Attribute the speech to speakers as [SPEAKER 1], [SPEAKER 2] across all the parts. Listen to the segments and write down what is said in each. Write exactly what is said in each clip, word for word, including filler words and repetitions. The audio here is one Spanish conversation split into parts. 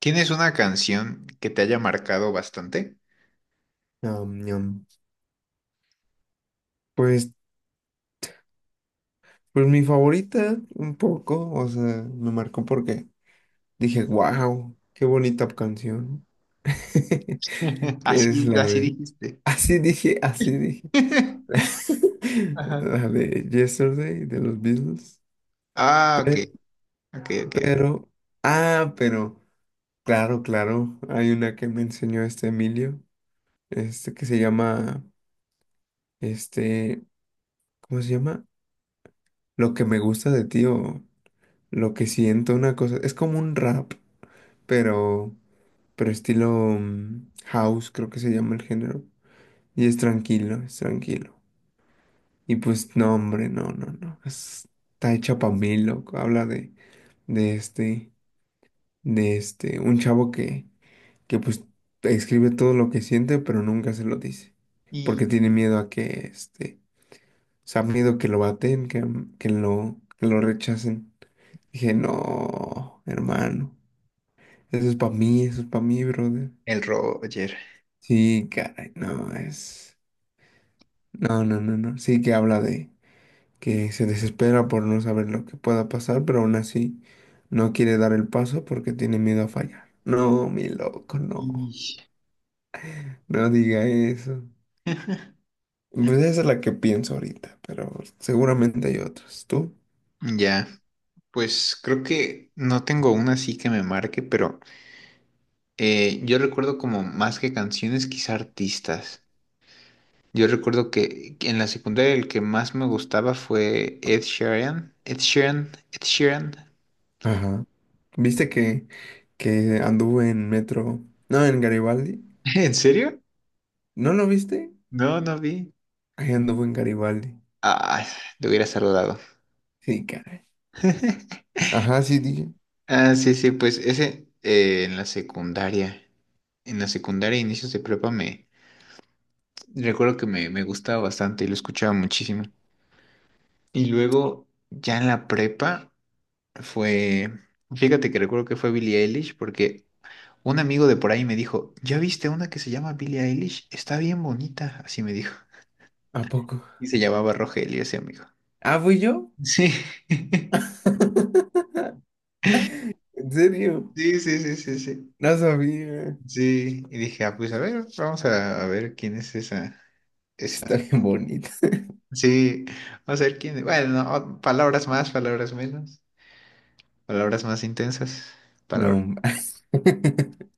[SPEAKER 1] ¿Tienes una canción que te haya marcado bastante?
[SPEAKER 2] Ñam, ñam. Pues, pues mi favorita, un poco, o sea, me marcó porque dije, wow, qué bonita canción. Que es
[SPEAKER 1] Así,
[SPEAKER 2] la
[SPEAKER 1] así
[SPEAKER 2] de.
[SPEAKER 1] dijiste.
[SPEAKER 2] Así dije, así dije.
[SPEAKER 1] Ajá.
[SPEAKER 2] La de Yesterday de los Beatles.
[SPEAKER 1] Ah, ok,
[SPEAKER 2] Pero,
[SPEAKER 1] ok, ok.
[SPEAKER 2] pero, ah, pero, claro, claro, hay una que me enseñó este Emilio, este que se llama, este, ¿cómo se llama? Lo que me gusta de ti o Lo que siento una cosa, es como un rap, pero, pero estilo mm, house, creo que se llama el género. Y es tranquilo, es tranquilo. Y pues no, hombre, no, no, no. es- está hecha pa' mí, loco. Habla de, de este, de este, un chavo que, que pues escribe todo lo que siente, pero nunca se lo dice.
[SPEAKER 1] Y
[SPEAKER 2] Porque tiene miedo a que, este, o sea, miedo que lo baten, que, que lo, que lo rechacen. Dije, no, hermano. Eso es para mí, eso es para mí, brother.
[SPEAKER 1] el Roger.
[SPEAKER 2] Sí, caray, no, es... No, no, no, no. Sí que habla de que se desespera por no saber lo que pueda pasar, pero aún así no quiere dar el paso porque tiene miedo a fallar. No, mi loco, no.
[SPEAKER 1] Y
[SPEAKER 2] No diga eso. Pues esa es la que pienso ahorita, pero seguramente hay otras. ¿Tú?
[SPEAKER 1] Ya, pues creo que no tengo una así que me marque, pero eh, yo recuerdo como más que canciones, quizá artistas. Yo recuerdo que que en la secundaria el que más me gustaba fue Ed Sheeran. Ed Sheeran, Ed Sheeran.
[SPEAKER 2] Ajá. ¿Viste que, que anduve en metro? No, en Garibaldi.
[SPEAKER 1] ¿En serio?
[SPEAKER 2] ¿No lo viste?
[SPEAKER 1] No, no vi.
[SPEAKER 2] Ahí anduvo en Garibaldi.
[SPEAKER 1] Ah, te hubiera saludado.
[SPEAKER 2] Sí, caray. Ajá, sí, dije.
[SPEAKER 1] Ah, sí, sí, pues ese eh, en la secundaria, en la secundaria, inicios de prepa, me recuerdo que me, me gustaba bastante y lo escuchaba muchísimo. Y luego, ya en la prepa, fue, fíjate que recuerdo que fue Billie Eilish, porque un amigo de por ahí me dijo, ¿ya viste una que se llama Billie Eilish? Está bien bonita, así me dijo.
[SPEAKER 2] ¿A poco?
[SPEAKER 1] Y se llamaba Rogelio ese amigo.
[SPEAKER 2] ¿Ah, fui yo?
[SPEAKER 1] Sí, sí,
[SPEAKER 2] ¿En serio?
[SPEAKER 1] sí, sí, sí, sí.
[SPEAKER 2] No sabía.
[SPEAKER 1] Sí, y dije, ah, pues a ver, vamos a, a ver quién es esa,
[SPEAKER 2] Está
[SPEAKER 1] esa.
[SPEAKER 2] bien bonita.
[SPEAKER 1] Sí, o sea, el quién, bueno, o- palabras más, palabras menos, palabras más intensas, palabras,
[SPEAKER 2] No.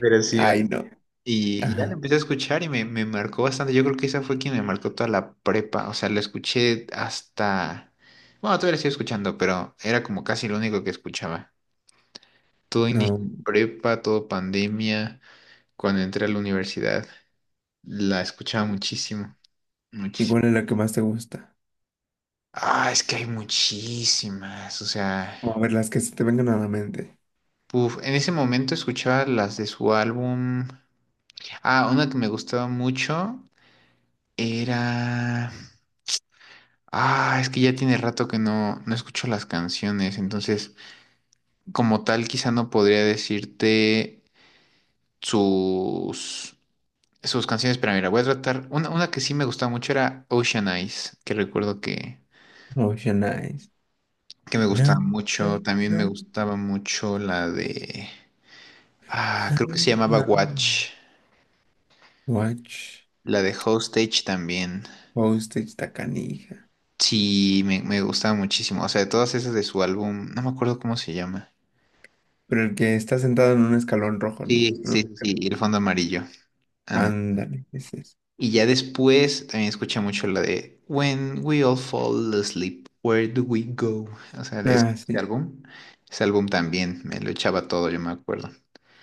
[SPEAKER 1] pero sí, me-
[SPEAKER 2] Ay, no.
[SPEAKER 1] y, y ya lo
[SPEAKER 2] Ajá.
[SPEAKER 1] empecé a escuchar y me, me marcó bastante, yo creo que esa fue quien me marcó toda la prepa, o sea, lo escuché hasta, bueno, todavía lo sigo escuchando, pero era como casi lo único que escuchaba, todo inicio de
[SPEAKER 2] No.
[SPEAKER 1] prepa, todo pandemia, cuando entré a la universidad, la escuchaba muchísimo,
[SPEAKER 2] ¿Y
[SPEAKER 1] muchísimo,
[SPEAKER 2] cuál es la que más te gusta?
[SPEAKER 1] ah, es que hay muchísimas, o sea...
[SPEAKER 2] Vamos a ver las que se te vengan a la mente.
[SPEAKER 1] Uf, en ese momento escuchaba las de su álbum. Ah, una que me gustaba mucho era. Ah, es que ya tiene rato que no, no escucho las canciones, entonces, como tal, quizá no podría decirte sus, sus canciones, pero mira, voy a tratar. Una, una que sí me gustaba mucho era Ocean Eyes, que recuerdo que,
[SPEAKER 2] Ocean Eyes.
[SPEAKER 1] que me
[SPEAKER 2] No,
[SPEAKER 1] gustaba
[SPEAKER 2] no,
[SPEAKER 1] mucho. También me
[SPEAKER 2] no,
[SPEAKER 1] gustaba mucho la de. Ah, creo que
[SPEAKER 2] ay,
[SPEAKER 1] se llamaba
[SPEAKER 2] no.
[SPEAKER 1] Watch,
[SPEAKER 2] Watch.
[SPEAKER 1] la de Hostage también.
[SPEAKER 2] Postage, ta canija.
[SPEAKER 1] Sí, me, me gustaba muchísimo. O sea, de todas esas de su álbum, no me acuerdo cómo se llama.
[SPEAKER 2] Pero el que está sentado en un escalón rojo, ¿no?
[SPEAKER 1] Sí,
[SPEAKER 2] En un
[SPEAKER 1] sí, sí, sí,
[SPEAKER 2] escalón.
[SPEAKER 1] El Fondo Amarillo. And-
[SPEAKER 2] Ándale, ese es.
[SPEAKER 1] y ya después también escuché mucho la de When We All Fall Asleep, Where Do We Go? O sea, de ese,
[SPEAKER 2] Ah,
[SPEAKER 1] ese
[SPEAKER 2] sí.
[SPEAKER 1] álbum. Ese álbum también, me lo echaba todo, yo me acuerdo.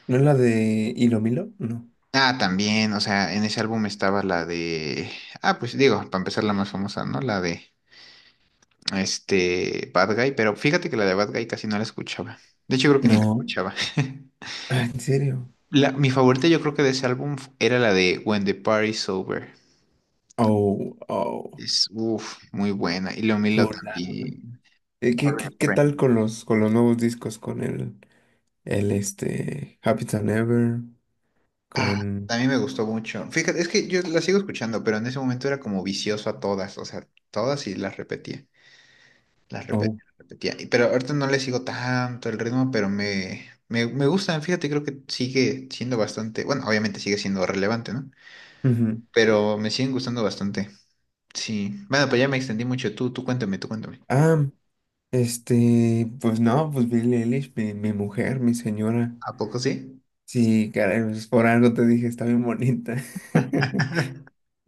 [SPEAKER 2] ¿No es la de Hilo Milo? No.
[SPEAKER 1] Ah, también, o sea, en ese álbum estaba la de... Ah, pues digo, para empezar la más famosa, ¿no? La de, este, Bad Guy, pero fíjate que la de Bad Guy casi no la escuchaba. De hecho, creo que ni la
[SPEAKER 2] No.
[SPEAKER 1] escuchaba.
[SPEAKER 2] Ah, ¿en serio?
[SPEAKER 1] La, mi favorita yo creo que de ese álbum era la de When the Party's Over.
[SPEAKER 2] Oh, oh,
[SPEAKER 1] Es, uff, muy buena. Y lo Milo
[SPEAKER 2] chulada.
[SPEAKER 1] también.
[SPEAKER 2] Eh, ¿Qué, qué,
[SPEAKER 1] Burning
[SPEAKER 2] qué tal
[SPEAKER 1] Friend.
[SPEAKER 2] con los, con los nuevos discos? Con el, el este, Happy Than Ever,
[SPEAKER 1] Ah,
[SPEAKER 2] con...
[SPEAKER 1] también me gustó mucho. Fíjate, es que yo la sigo escuchando, pero en ese momento era como vicioso a todas, o sea, todas y las repetía, las
[SPEAKER 2] Oh.
[SPEAKER 1] repetía, las repetía. Y- Pero ahorita no le sigo tanto el ritmo, pero me, me, me gustan, fíjate, creo que sigue siendo bastante, bueno, obviamente sigue siendo relevante, ¿no?
[SPEAKER 2] Ujú.
[SPEAKER 1] Pero me siguen gustando bastante. Sí. Bueno, pues ya me extendí mucho. Tú, tú cuéntame, tú cuéntame.
[SPEAKER 2] Ah, este, pues no, pues Billie Eilish, mi, mi mujer, mi señora.
[SPEAKER 1] ¿A poco sí?
[SPEAKER 2] Sí, caray, pues por algo te dije, está bien bonita.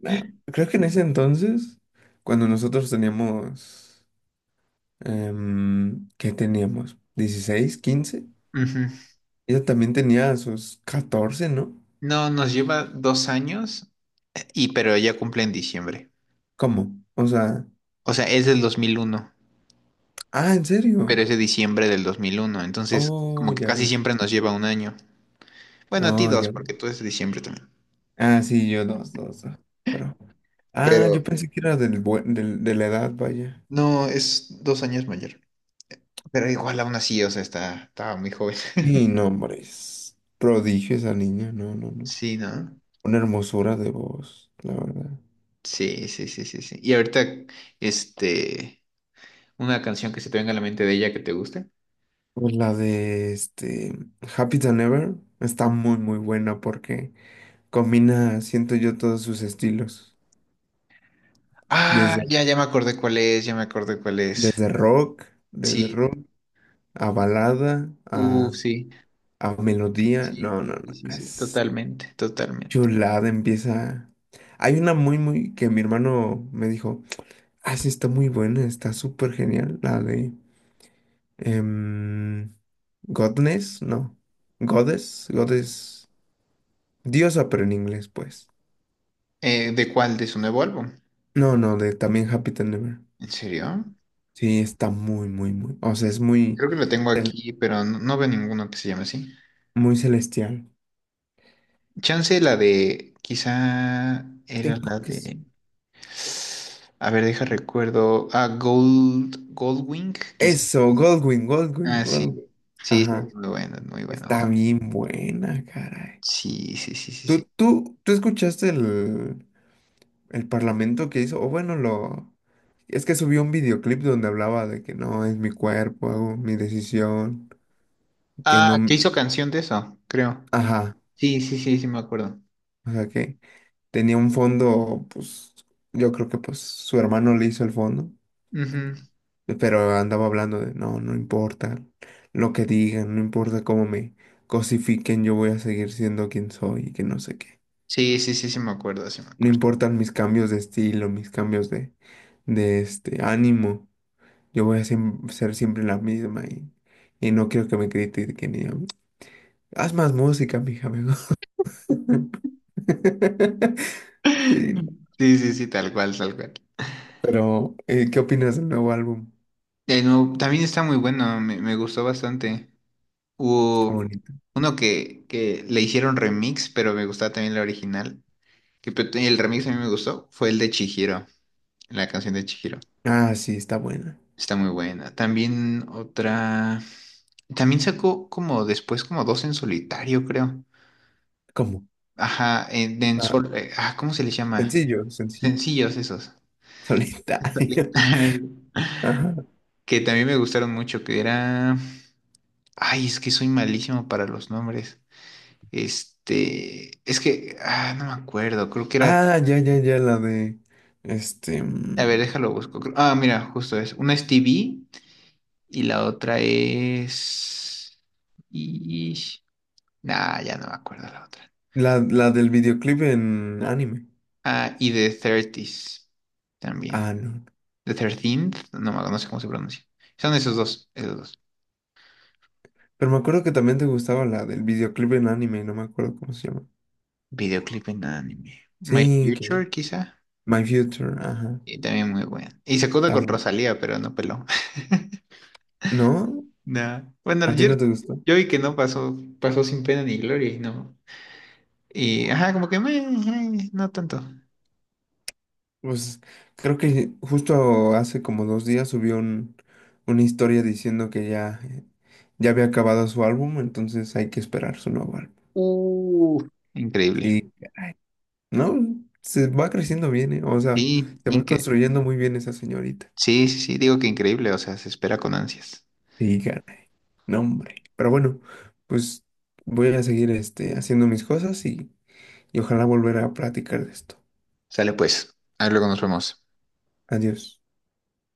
[SPEAKER 2] No, creo que en ese entonces, cuando nosotros teníamos... Em, ¿Qué teníamos? Dieciséis, quince.
[SPEAKER 1] Ujú.
[SPEAKER 2] Ella también tenía sus catorce, ¿no?
[SPEAKER 1] No, nos lleva dos años, y pero ella cumple en diciembre.
[SPEAKER 2] ¿Cómo? O sea,
[SPEAKER 1] O sea, es del dos mil uno,
[SPEAKER 2] ah, ¿en
[SPEAKER 1] pero
[SPEAKER 2] serio?
[SPEAKER 1] es de diciembre del dos mil uno. Entonces,
[SPEAKER 2] Oh,
[SPEAKER 1] como que
[SPEAKER 2] ya
[SPEAKER 1] casi
[SPEAKER 2] veo.
[SPEAKER 1] siempre nos lleva un año. Bueno, a ti
[SPEAKER 2] Oh,
[SPEAKER 1] dos,
[SPEAKER 2] ya veo.
[SPEAKER 1] porque tú es de diciembre también.
[SPEAKER 2] Ah, sí, yo dos, dos, dos. Pero, ah, yo
[SPEAKER 1] Pero
[SPEAKER 2] pensé que era del, buen- del- de la edad, vaya.
[SPEAKER 1] no, es dos años mayor. Pero igual aún así, o sea, está, estaba muy joven.
[SPEAKER 2] Y no, hombre, es prodigio esa niña, no, no, no.
[SPEAKER 1] Sí, ¿no?
[SPEAKER 2] Una hermosura de voz, la verdad.
[SPEAKER 1] Sí, sí, sí, sí, sí. Y ahorita, este, una canción que se te venga a la mente de ella que te guste.
[SPEAKER 2] Pues la de este Happy Than Ever está muy, muy buena porque combina, siento yo, todos sus estilos.
[SPEAKER 1] Ah,
[SPEAKER 2] Desde,
[SPEAKER 1] ya, ya me acordé cuál es, ya me acordé cuál es.
[SPEAKER 2] desde rock, desde
[SPEAKER 1] Sí,
[SPEAKER 2] rock, a balada, a,
[SPEAKER 1] uff, sí.
[SPEAKER 2] a melodía.
[SPEAKER 1] Sí,
[SPEAKER 2] No, no,
[SPEAKER 1] sí,
[SPEAKER 2] no.
[SPEAKER 1] sí, sí,
[SPEAKER 2] Es
[SPEAKER 1] totalmente, totalmente.
[SPEAKER 2] chulada, empieza. Hay una muy, muy, que mi hermano me dijo, ah, sí, está muy buena, está súper genial. La de em, Godness, no. Goddess, Goddess. Diosa, pero en inglés, pues.
[SPEAKER 1] Eh, ¿de cuál? ¿De su nuevo álbum?
[SPEAKER 2] No, no, de también Happy Than Ever.
[SPEAKER 1] ¿En serio?
[SPEAKER 2] Sí, está muy, muy, muy. O sea, es muy.
[SPEAKER 1] Creo que lo tengo aquí, pero no, no veo ninguno que se llame así.
[SPEAKER 2] Muy celestial.
[SPEAKER 1] Chance la de, quizá era
[SPEAKER 2] Tengo
[SPEAKER 1] la
[SPEAKER 2] que... s-
[SPEAKER 1] de, a ver, deja recuerdo, ah, Gold, Goldwing, quizá.
[SPEAKER 2] Eso, Goldwyn, Goldwyn,
[SPEAKER 1] Ah, sí,
[SPEAKER 2] Goldwyn.
[SPEAKER 1] sí, sí,
[SPEAKER 2] Ajá.
[SPEAKER 1] sí, muy bueno, muy bueno.
[SPEAKER 2] Está bien buena, caray.
[SPEAKER 1] Sí, sí, sí, sí,
[SPEAKER 2] ¿Tú,
[SPEAKER 1] sí.
[SPEAKER 2] tú, tú escuchaste el, el parlamento que hizo? O bueno, lo. Es que subió un videoclip donde hablaba de que no, es mi cuerpo, hago mi decisión, que
[SPEAKER 1] Ah,
[SPEAKER 2] no...
[SPEAKER 1] que
[SPEAKER 2] m-
[SPEAKER 1] hizo canción de eso, creo.
[SPEAKER 2] Ajá.
[SPEAKER 1] Sí, sí, sí, sí, me acuerdo.
[SPEAKER 2] O sea que tenía un fondo, pues yo creo que pues su hermano le hizo el fondo.
[SPEAKER 1] Ujú.
[SPEAKER 2] Pero andaba hablando de, no, no importa lo que digan, no importa cómo me cosifiquen, yo voy a seguir siendo quien soy y que no sé qué.
[SPEAKER 1] Sí, sí, sí, sí, me acuerdo, sí, me
[SPEAKER 2] No
[SPEAKER 1] acuerdo.
[SPEAKER 2] importan mis cambios de estilo, mis cambios de, de este ánimo, yo voy a siem- ser siempre la misma y, y no quiero que me critiquen y yo, haz más música, mija, mejor". Sí,
[SPEAKER 1] Sí, sí, sí, tal cual, tal cual.
[SPEAKER 2] pero, eh, ¿qué opinas del nuevo álbum?
[SPEAKER 1] Eh, no, también está muy bueno, me, me gustó bastante.
[SPEAKER 2] Está
[SPEAKER 1] Hubo
[SPEAKER 2] bonito.
[SPEAKER 1] uno que, que le hicieron remix, pero me gustaba también la original. Que, pe- el remix a mí me gustó, fue el de Chihiro, la canción de Chihiro.
[SPEAKER 2] Ah, sí, está buena.
[SPEAKER 1] Está muy buena. También otra... También sacó como después como dos en solitario, creo.
[SPEAKER 2] ¿Cómo?
[SPEAKER 1] Ajá, en, en
[SPEAKER 2] Ah,
[SPEAKER 1] sol... eh, ah, ¿cómo se les llama?
[SPEAKER 2] sencillo, sencillo.
[SPEAKER 1] Sencillos esos.
[SPEAKER 2] Solitario. Ajá.
[SPEAKER 1] Que también me gustaron mucho, que era... Ay, es que soy malísimo para los nombres. Este, es que, ah, no me acuerdo, creo que era,
[SPEAKER 2] Ah, ya, ya, ya, la de. Este.
[SPEAKER 1] a ver,
[SPEAKER 2] mm,
[SPEAKER 1] déjalo busco. Creo- Ah, mira, justo es. Una es T V y la otra es... Y... Nah, ya no me acuerdo la otra.
[SPEAKER 2] La, la del videoclip en anime.
[SPEAKER 1] Ah, y The thirties también.
[SPEAKER 2] Ah, no.
[SPEAKER 1] The thirteenth, no, me- no sé cómo se pronuncia. Son esos dos, esos dos.
[SPEAKER 2] Pero me acuerdo que también te gustaba la del videoclip en anime, no me acuerdo cómo se llama.
[SPEAKER 1] Videoclip en anime. My
[SPEAKER 2] Sí, que.
[SPEAKER 1] Future, quizá.
[SPEAKER 2] My Future, ajá.
[SPEAKER 1] Y también muy bueno. Y se acuda con
[SPEAKER 2] Tam-
[SPEAKER 1] Rosalía, pero no peló.
[SPEAKER 2] ¿No?
[SPEAKER 1] Nah. Bueno,
[SPEAKER 2] ¿A ti
[SPEAKER 1] yo,
[SPEAKER 2] no te gustó?
[SPEAKER 1] yo vi que no pasó, pasó sin pena ni gloria y no. Y ajá, como que meh, meh, no tanto.
[SPEAKER 2] Pues creo que justo hace como dos días subió un- una historia diciendo que ya, ya había acabado su álbum, entonces hay que esperar su nuevo álbum.
[SPEAKER 1] Uh, increíble.
[SPEAKER 2] Sí. No, se va creciendo bien, ¿eh? O sea,
[SPEAKER 1] Sí,
[SPEAKER 2] se va
[SPEAKER 1] inque-
[SPEAKER 2] construyendo muy bien esa señorita.
[SPEAKER 1] sí, sí, sí, digo que increíble, o sea, se espera con ansias.
[SPEAKER 2] Y caray, no, hombre. Pero bueno, pues voy a seguir este, haciendo mis cosas y, y ojalá volver a platicar de esto.
[SPEAKER 1] Sale pues, ahí luego nos vemos.
[SPEAKER 2] Adiós.